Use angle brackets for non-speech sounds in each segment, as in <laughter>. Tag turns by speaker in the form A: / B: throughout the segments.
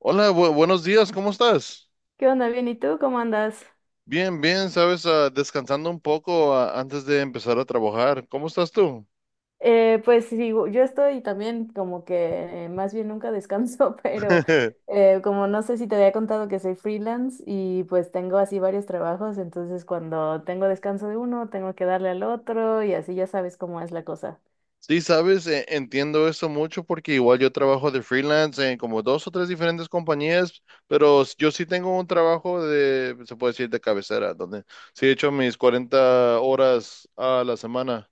A: Hola, buenos días, ¿cómo estás?
B: ¿Qué onda? Bien, ¿y tú cómo andas?
A: Bien, bien, sabes, descansando un poco antes de empezar a trabajar. ¿Cómo estás tú?
B: Pues sí, yo estoy también como que más bien nunca descanso, <laughs> pero
A: <laughs>
B: como no sé si te había contado que soy freelance y pues tengo así varios trabajos, entonces cuando tengo descanso de uno, tengo que darle al otro y así ya sabes cómo es la cosa.
A: Sí, sabes, entiendo eso mucho porque igual yo trabajo de freelance en como dos o tres diferentes compañías, pero yo sí tengo un trabajo de, se puede decir, de cabecera, donde sí he hecho mis 40 horas a la semana.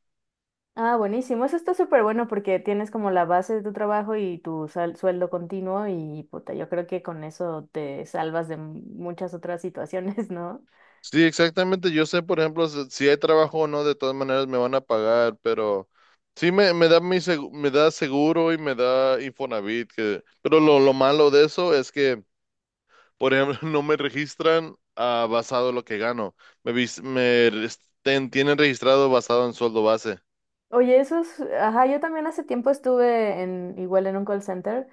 B: Ah, buenísimo, eso está súper bueno porque tienes como la base de tu trabajo y tu sueldo continuo y puta, yo creo que con eso te salvas de muchas otras situaciones, <laughs> ¿no?
A: Sí, exactamente. Yo sé, por ejemplo, si hay trabajo o no, de todas maneras me van a pagar, pero sí me da seguro y me da Infonavit, pero lo malo de eso es que, por ejemplo, <laughs> no me registran basado en lo que gano. Me, vis- me res- ten- tienen registrado basado en sueldo base.
B: Oye, eso es, ajá, yo también hace tiempo estuve en, igual en un call center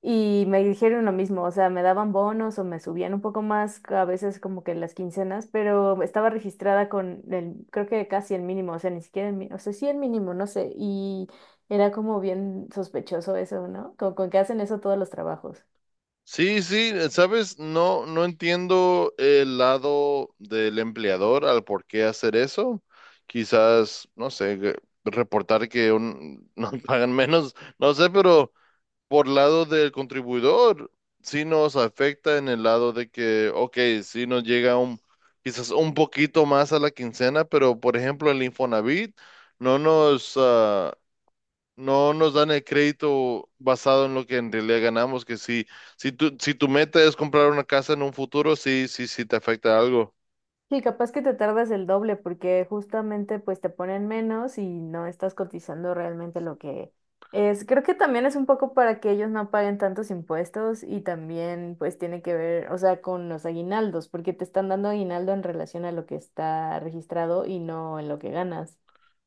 B: y me dijeron lo mismo, o sea, me daban bonos o me subían un poco más, a veces como que las quincenas, pero estaba registrada con el, creo que casi el mínimo, o sea, ni siquiera el mínimo, o sea, sí el mínimo, no sé, y era como bien sospechoso eso, ¿no? Con que hacen eso todos los trabajos.
A: Sí, sí, sabes, no, no entiendo el lado del empleador al por qué hacer eso. Quizás, no sé, reportar <laughs> nos pagan menos, no sé, pero por lado del contribuidor, sí nos afecta en el lado de que, ok, sí nos llega un, quizás un poquito más a la quincena, pero por ejemplo el Infonavit no nos, ah, no nos dan el crédito basado en lo que en realidad ganamos, que si tu meta es comprar una casa en un futuro, sí, sí, sí te afecta algo.
B: Sí, capaz que te tardas el doble porque justamente pues te ponen menos y no estás cotizando realmente lo que es. Creo que también es un poco para que ellos no paguen tantos impuestos y también pues tiene que ver, o sea, con los aguinaldos, porque te están dando aguinaldo en relación a lo que está registrado y no en lo que ganas.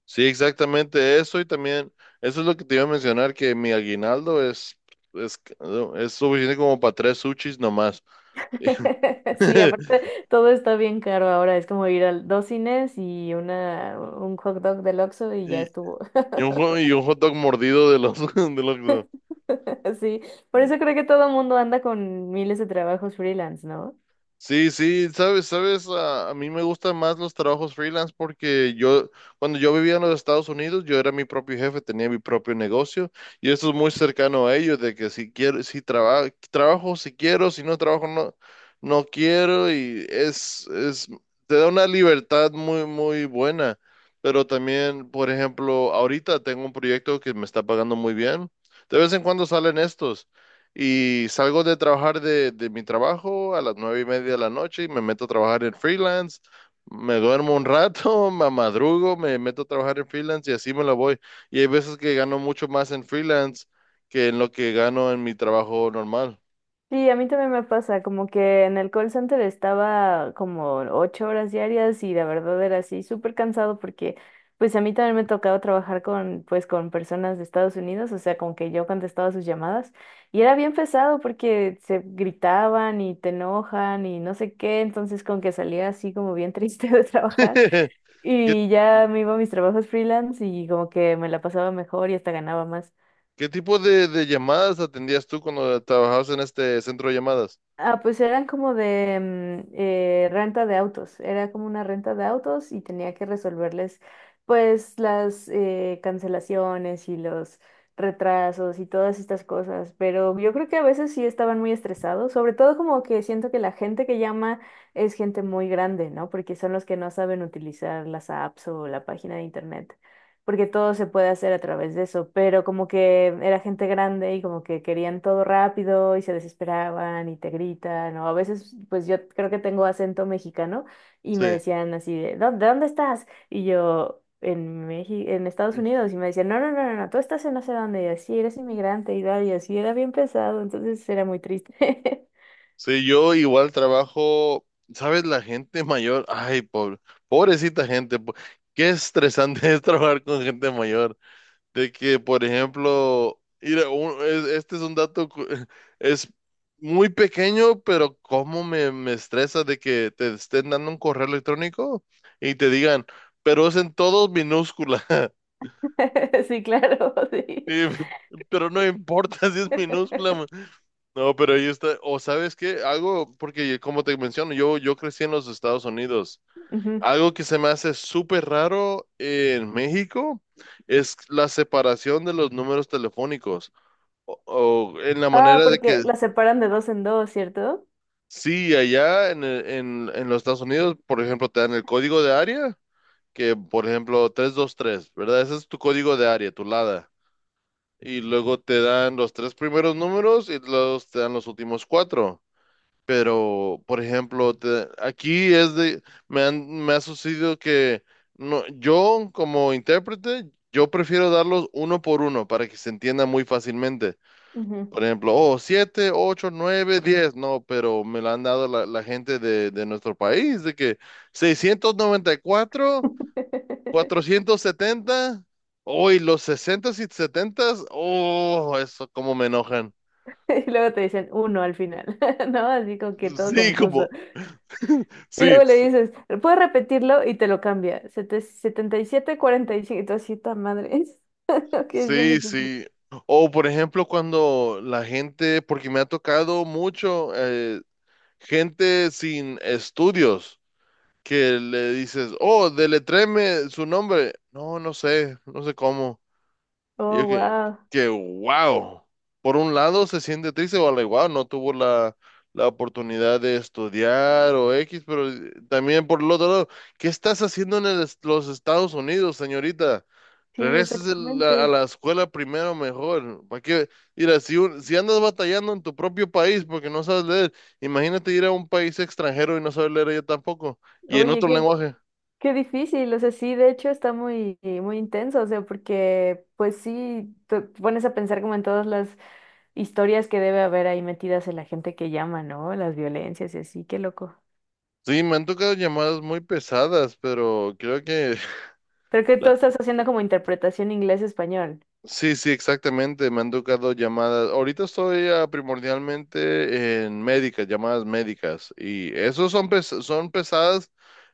A: Sí, exactamente eso y también eso es lo que te iba a mencionar, que mi aguinaldo es, es suficiente como para tres sushis nomás.
B: <laughs> Sí, aparte
A: <laughs>
B: todo está bien caro ahora, es como ir al dos cines y una, un hot dog del Oxxo y ya
A: Y,
B: estuvo.
A: y un hot dog mordido de los, <laughs> de los.
B: <laughs> Sí, por eso creo que todo el mundo anda con miles de trabajos freelance, ¿no?
A: Sí, sí, sabes, a mí me gustan más los trabajos freelance porque cuando yo vivía en los Estados Unidos, yo era mi propio jefe, tenía mi propio negocio y eso es muy cercano a ellos, de que si quiero, si trabajo, si quiero, si no trabajo, no, no quiero y te da una libertad muy, muy buena. Pero también, por ejemplo, ahorita tengo un proyecto que me está pagando muy bien. De vez en cuando salen estos. Y salgo de trabajar de mi trabajo a las 9:30 de la noche y me meto a trabajar en freelance. Me duermo un rato, <laughs> me madrugo, me meto a trabajar en freelance y así me la voy. Y hay veces que gano mucho más en freelance que en lo que gano en mi trabajo normal.
B: Sí, a mí también me pasa, como que en el call center estaba como ocho horas diarias y la verdad era así súper cansado porque pues a mí también me tocaba trabajar con pues con personas de Estados Unidos, o sea, como que yo contestaba sus llamadas y era bien pesado porque se gritaban y te enojan y no sé qué, entonces con que salía así como bien triste <laughs> de trabajar.
A: <laughs> ¿Qué,
B: Y ya me iba a mis trabajos freelance y como que me la pasaba mejor y hasta ganaba más.
A: qué tipo de llamadas atendías tú cuando trabajabas en este centro de llamadas?
B: Ah, pues eran como de renta de autos, era como una renta de autos y tenía que resolverles pues las cancelaciones y los retrasos y todas estas cosas, pero yo creo que a veces sí estaban muy estresados, sobre todo como que siento que la gente que llama es gente muy grande, ¿no? Porque son los que no saben utilizar las apps o la página de internet porque todo se puede hacer a través de eso, pero como que era gente grande y como que querían todo rápido y se desesperaban y te gritan, o a veces pues yo creo que tengo acento mexicano y
A: Sí.
B: me decían así de, "¿Dó- ¿de dónde estás?" Y yo, "En México, en Estados Unidos", y me decían, No, no, no, no, no, tú estás en no sé dónde", y así, "eres inmigrante" y tal, y así era bien pesado, entonces era muy triste.
A: Sí, yo igual trabajo, ¿sabes? La gente mayor, ay, pobre, pobrecita gente, qué estresante <laughs> es trabajar con gente mayor. De que, por ejemplo, mira, este es un dato, <laughs> es muy pequeño, pero cómo me estresa de que te estén dando un correo electrónico y te digan, pero es en todos minúscula. <laughs>
B: <laughs> Sí, claro, <laughs> sí.
A: Y- pero no importa <laughs> si es minúscula.
B: <laughs>
A: No, pero ahí está, o sabes qué, algo, porque como te menciono, yo crecí en los Estados Unidos.
B: Ujú.
A: Algo que se me hace súper raro en México es la separación de los números telefónicos. O en la
B: Ah,
A: manera de
B: porque
A: que,
B: la separan de dos en dos, ¿cierto?
A: sí, allá en los Estados Unidos, por ejemplo, te dan el código de área, que por ejemplo 323, ¿verdad? Ese es tu código de área, tu LADA. Y luego te dan los tres primeros números y luego te dan los últimos cuatro. Pero, por ejemplo, aquí es de, me ha sucedido que no, yo como intérprete, yo prefiero darlos uno por uno para que se entienda muy fácilmente.
B: Ujú.
A: Por ejemplo, oh, siete, ocho, nueve, 10, no, pero me lo han dado la gente de nuestro país, de que 694
B: <laughs>
A: 470 hoy los 60 y 70, oh, eso como me enojan.
B: <laughs> Y luego te dicen uno al final, <laughs> ¿no? Así como que
A: <laughs>
B: todo
A: Sí, como,
B: confuso. Y
A: sí.
B: luego le dices, "¿puedes repetirlo?" Y te lo cambia. Sete- 77, 45. Y cinco. Y tú así, "Ta madre." <laughs> Que es bien
A: Sí,
B: difícil.
A: sí. O por ejemplo, cuando la gente, porque me ha tocado mucho, gente sin estudios, que le dices, oh, deletreme su nombre. No, no sé, no sé cómo. Y
B: Oh,
A: yo que,
B: wow.
A: que wow. Por un lado se siente triste, o igual no tuvo la oportunidad de estudiar o X, pero también por el otro lado, ¿qué estás haciendo en los Estados Unidos, señorita?
B: Sí,
A: Regreses a
B: exactamente.
A: la escuela primero mejor. ¿Para qué? Mira, si andas batallando en tu propio país porque no sabes leer, imagínate ir a un país extranjero y no saber leer yo tampoco. Y en
B: Oye,
A: otro lenguaje.
B: qué difícil. O sea, sí, de hecho está muy intenso. O sea, porque, pues sí, te pones a pensar como en todas las historias que debe haber ahí metidas en la gente que llama, ¿no? Las violencias y así, qué loco.
A: Sí, me han tocado llamadas muy pesadas, pero creo que.
B: Pero que tú
A: <laughs>
B: estás haciendo como interpretación inglés-español.
A: Sí, sí, exactamente. Me han tocado llamadas. Ahorita estoy primordialmente en médicas, llamadas médicas. Y esos son, son pesadas,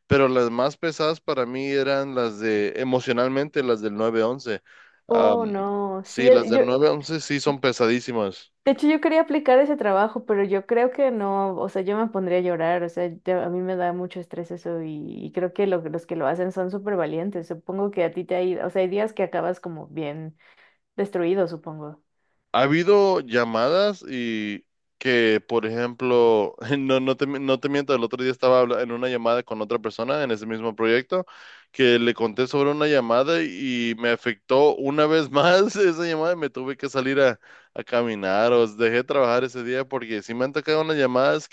A: pero las más pesadas para mí eran las de emocionalmente, las del 911. Am,
B: Oh, no,
A: sí,
B: sí,
A: las del 911 sí son pesadísimas.
B: de hecho yo quería aplicar ese trabajo, pero yo creo que no, o sea, yo me pondría a llorar, o sea, a mí me da mucho estrés eso y creo que los que lo hacen son súper valientes, supongo que a ti te ha ido, o sea, hay días que acabas como bien destruido, supongo.
A: Ha habido llamadas y que, por ejemplo, <laughs> no, no te miento, el otro día estaba en una llamada con otra persona en ese mismo proyecto, que le conté sobre una llamada y me afectó una vez más <laughs> esa llamada y me tuve que salir a caminar, o dejé trabajar ese día porque sí me han tocado unas llamadas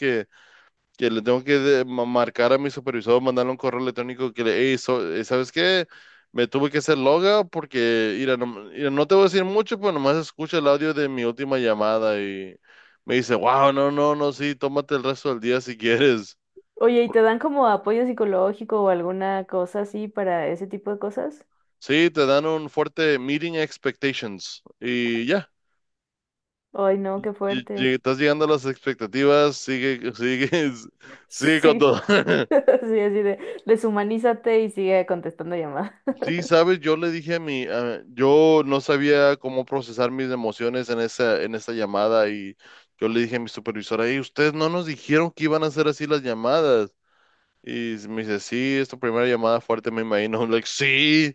A: que le tengo que marcar a mi supervisor, mandarle un correo electrónico que le, "Ey, ¿sabes qué? Me tuve que hacer logout porque, mira, no te voy a decir mucho, pero nomás escucha el audio de mi última llamada". Y me dice, wow, no, no, no, sí, tómate el resto del día si quieres.
B: Oye, ¿y te dan como apoyo psicológico o alguna cosa así para ese tipo de cosas?
A: Sí, te dan un fuerte meeting expectations y ya,
B: Ay, no, qué fuerte.
A: estás llegando a las expectativas, sigue, sigue, <laughs> sigue con
B: Sí,
A: todo.
B: <laughs> sí,
A: <laughs>
B: así de deshumanízate y sigue contestando llamadas.
A: Sí, sabes, yo le dije yo no sabía cómo procesar mis emociones en esa llamada y yo le dije a mi supervisora, hey, ustedes no nos dijeron que iban a hacer así las llamadas. Y me dice, sí, es tu primera llamada fuerte, me imagino. <laughs> like, sí.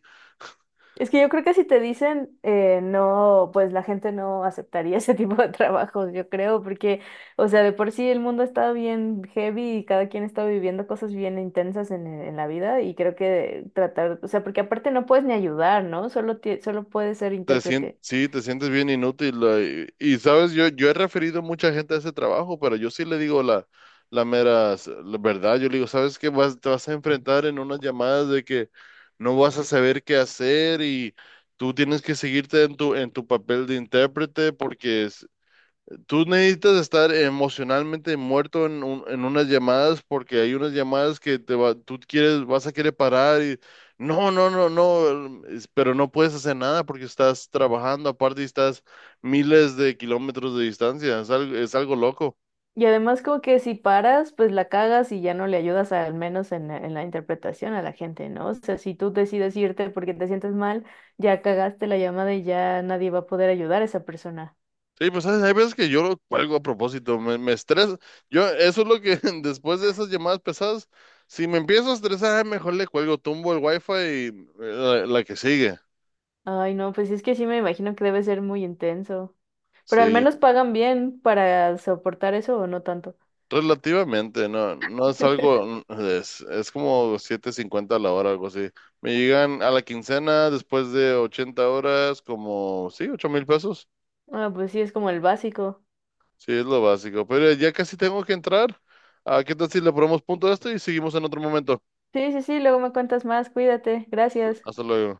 B: Es que yo creo que si te dicen no, pues la gente no aceptaría <laughs> ese tipo de trabajos, yo creo, porque, o sea, de por sí el mundo está bien heavy y cada quien está viviendo cosas bien intensas en, en la vida y creo que tratar, o sea, porque aparte no puedes ni ayudar, ¿no? Solo, solo puedes ser intérprete.
A: Sí, te sientes bien inútil. Sabes, yo he referido mucha gente a ese trabajo, pero yo sí le digo la verdad. Yo le digo, ¿sabes qué? Te vas a enfrentar en unas llamadas de que no vas a saber qué hacer y tú tienes que seguirte en tu papel de intérprete Tú necesitas estar emocionalmente muerto en unas llamadas porque hay unas llamadas que tú quieres, vas a querer parar y no, no, no, no, pero no puedes hacer nada porque estás trabajando aparte y estás miles de kilómetros de distancia, es algo loco.
B: Y además como que si paras, pues la cagas y ya no le ayudas al menos en la interpretación a la gente, ¿no? O sea, si tú decides irte porque te sientes mal, ya cagaste la llamada y ya nadie va a poder ayudar a esa persona.
A: Sí, pues ¿sabes? Hay veces que yo lo cuelgo a propósito, me estresa. Eso es lo que <laughs> después de esas llamadas pesadas, si me empiezo a estresar, ay, mejor le cuelgo, tumbo el wifi y la que sigue.
B: Ay, no, pues es que sí me imagino que debe ser muy intenso. Pero al
A: Sí.
B: menos pagan bien para soportar eso o no tanto.
A: Relativamente, no, no es algo,
B: <laughs>
A: es como 7.50 a la hora, algo así. Me llegan a la quincena después de 80 horas, como, sí, $8,000.
B: Ah, pues sí, es como el básico.
A: Sí, es lo básico. Pero ya casi tengo que entrar. ¿Qué tal si le ponemos punto a esto y seguimos en otro momento?
B: Sí, sí, sí, luego me cuentas más, cuídate, gracias.
A: Hasta luego.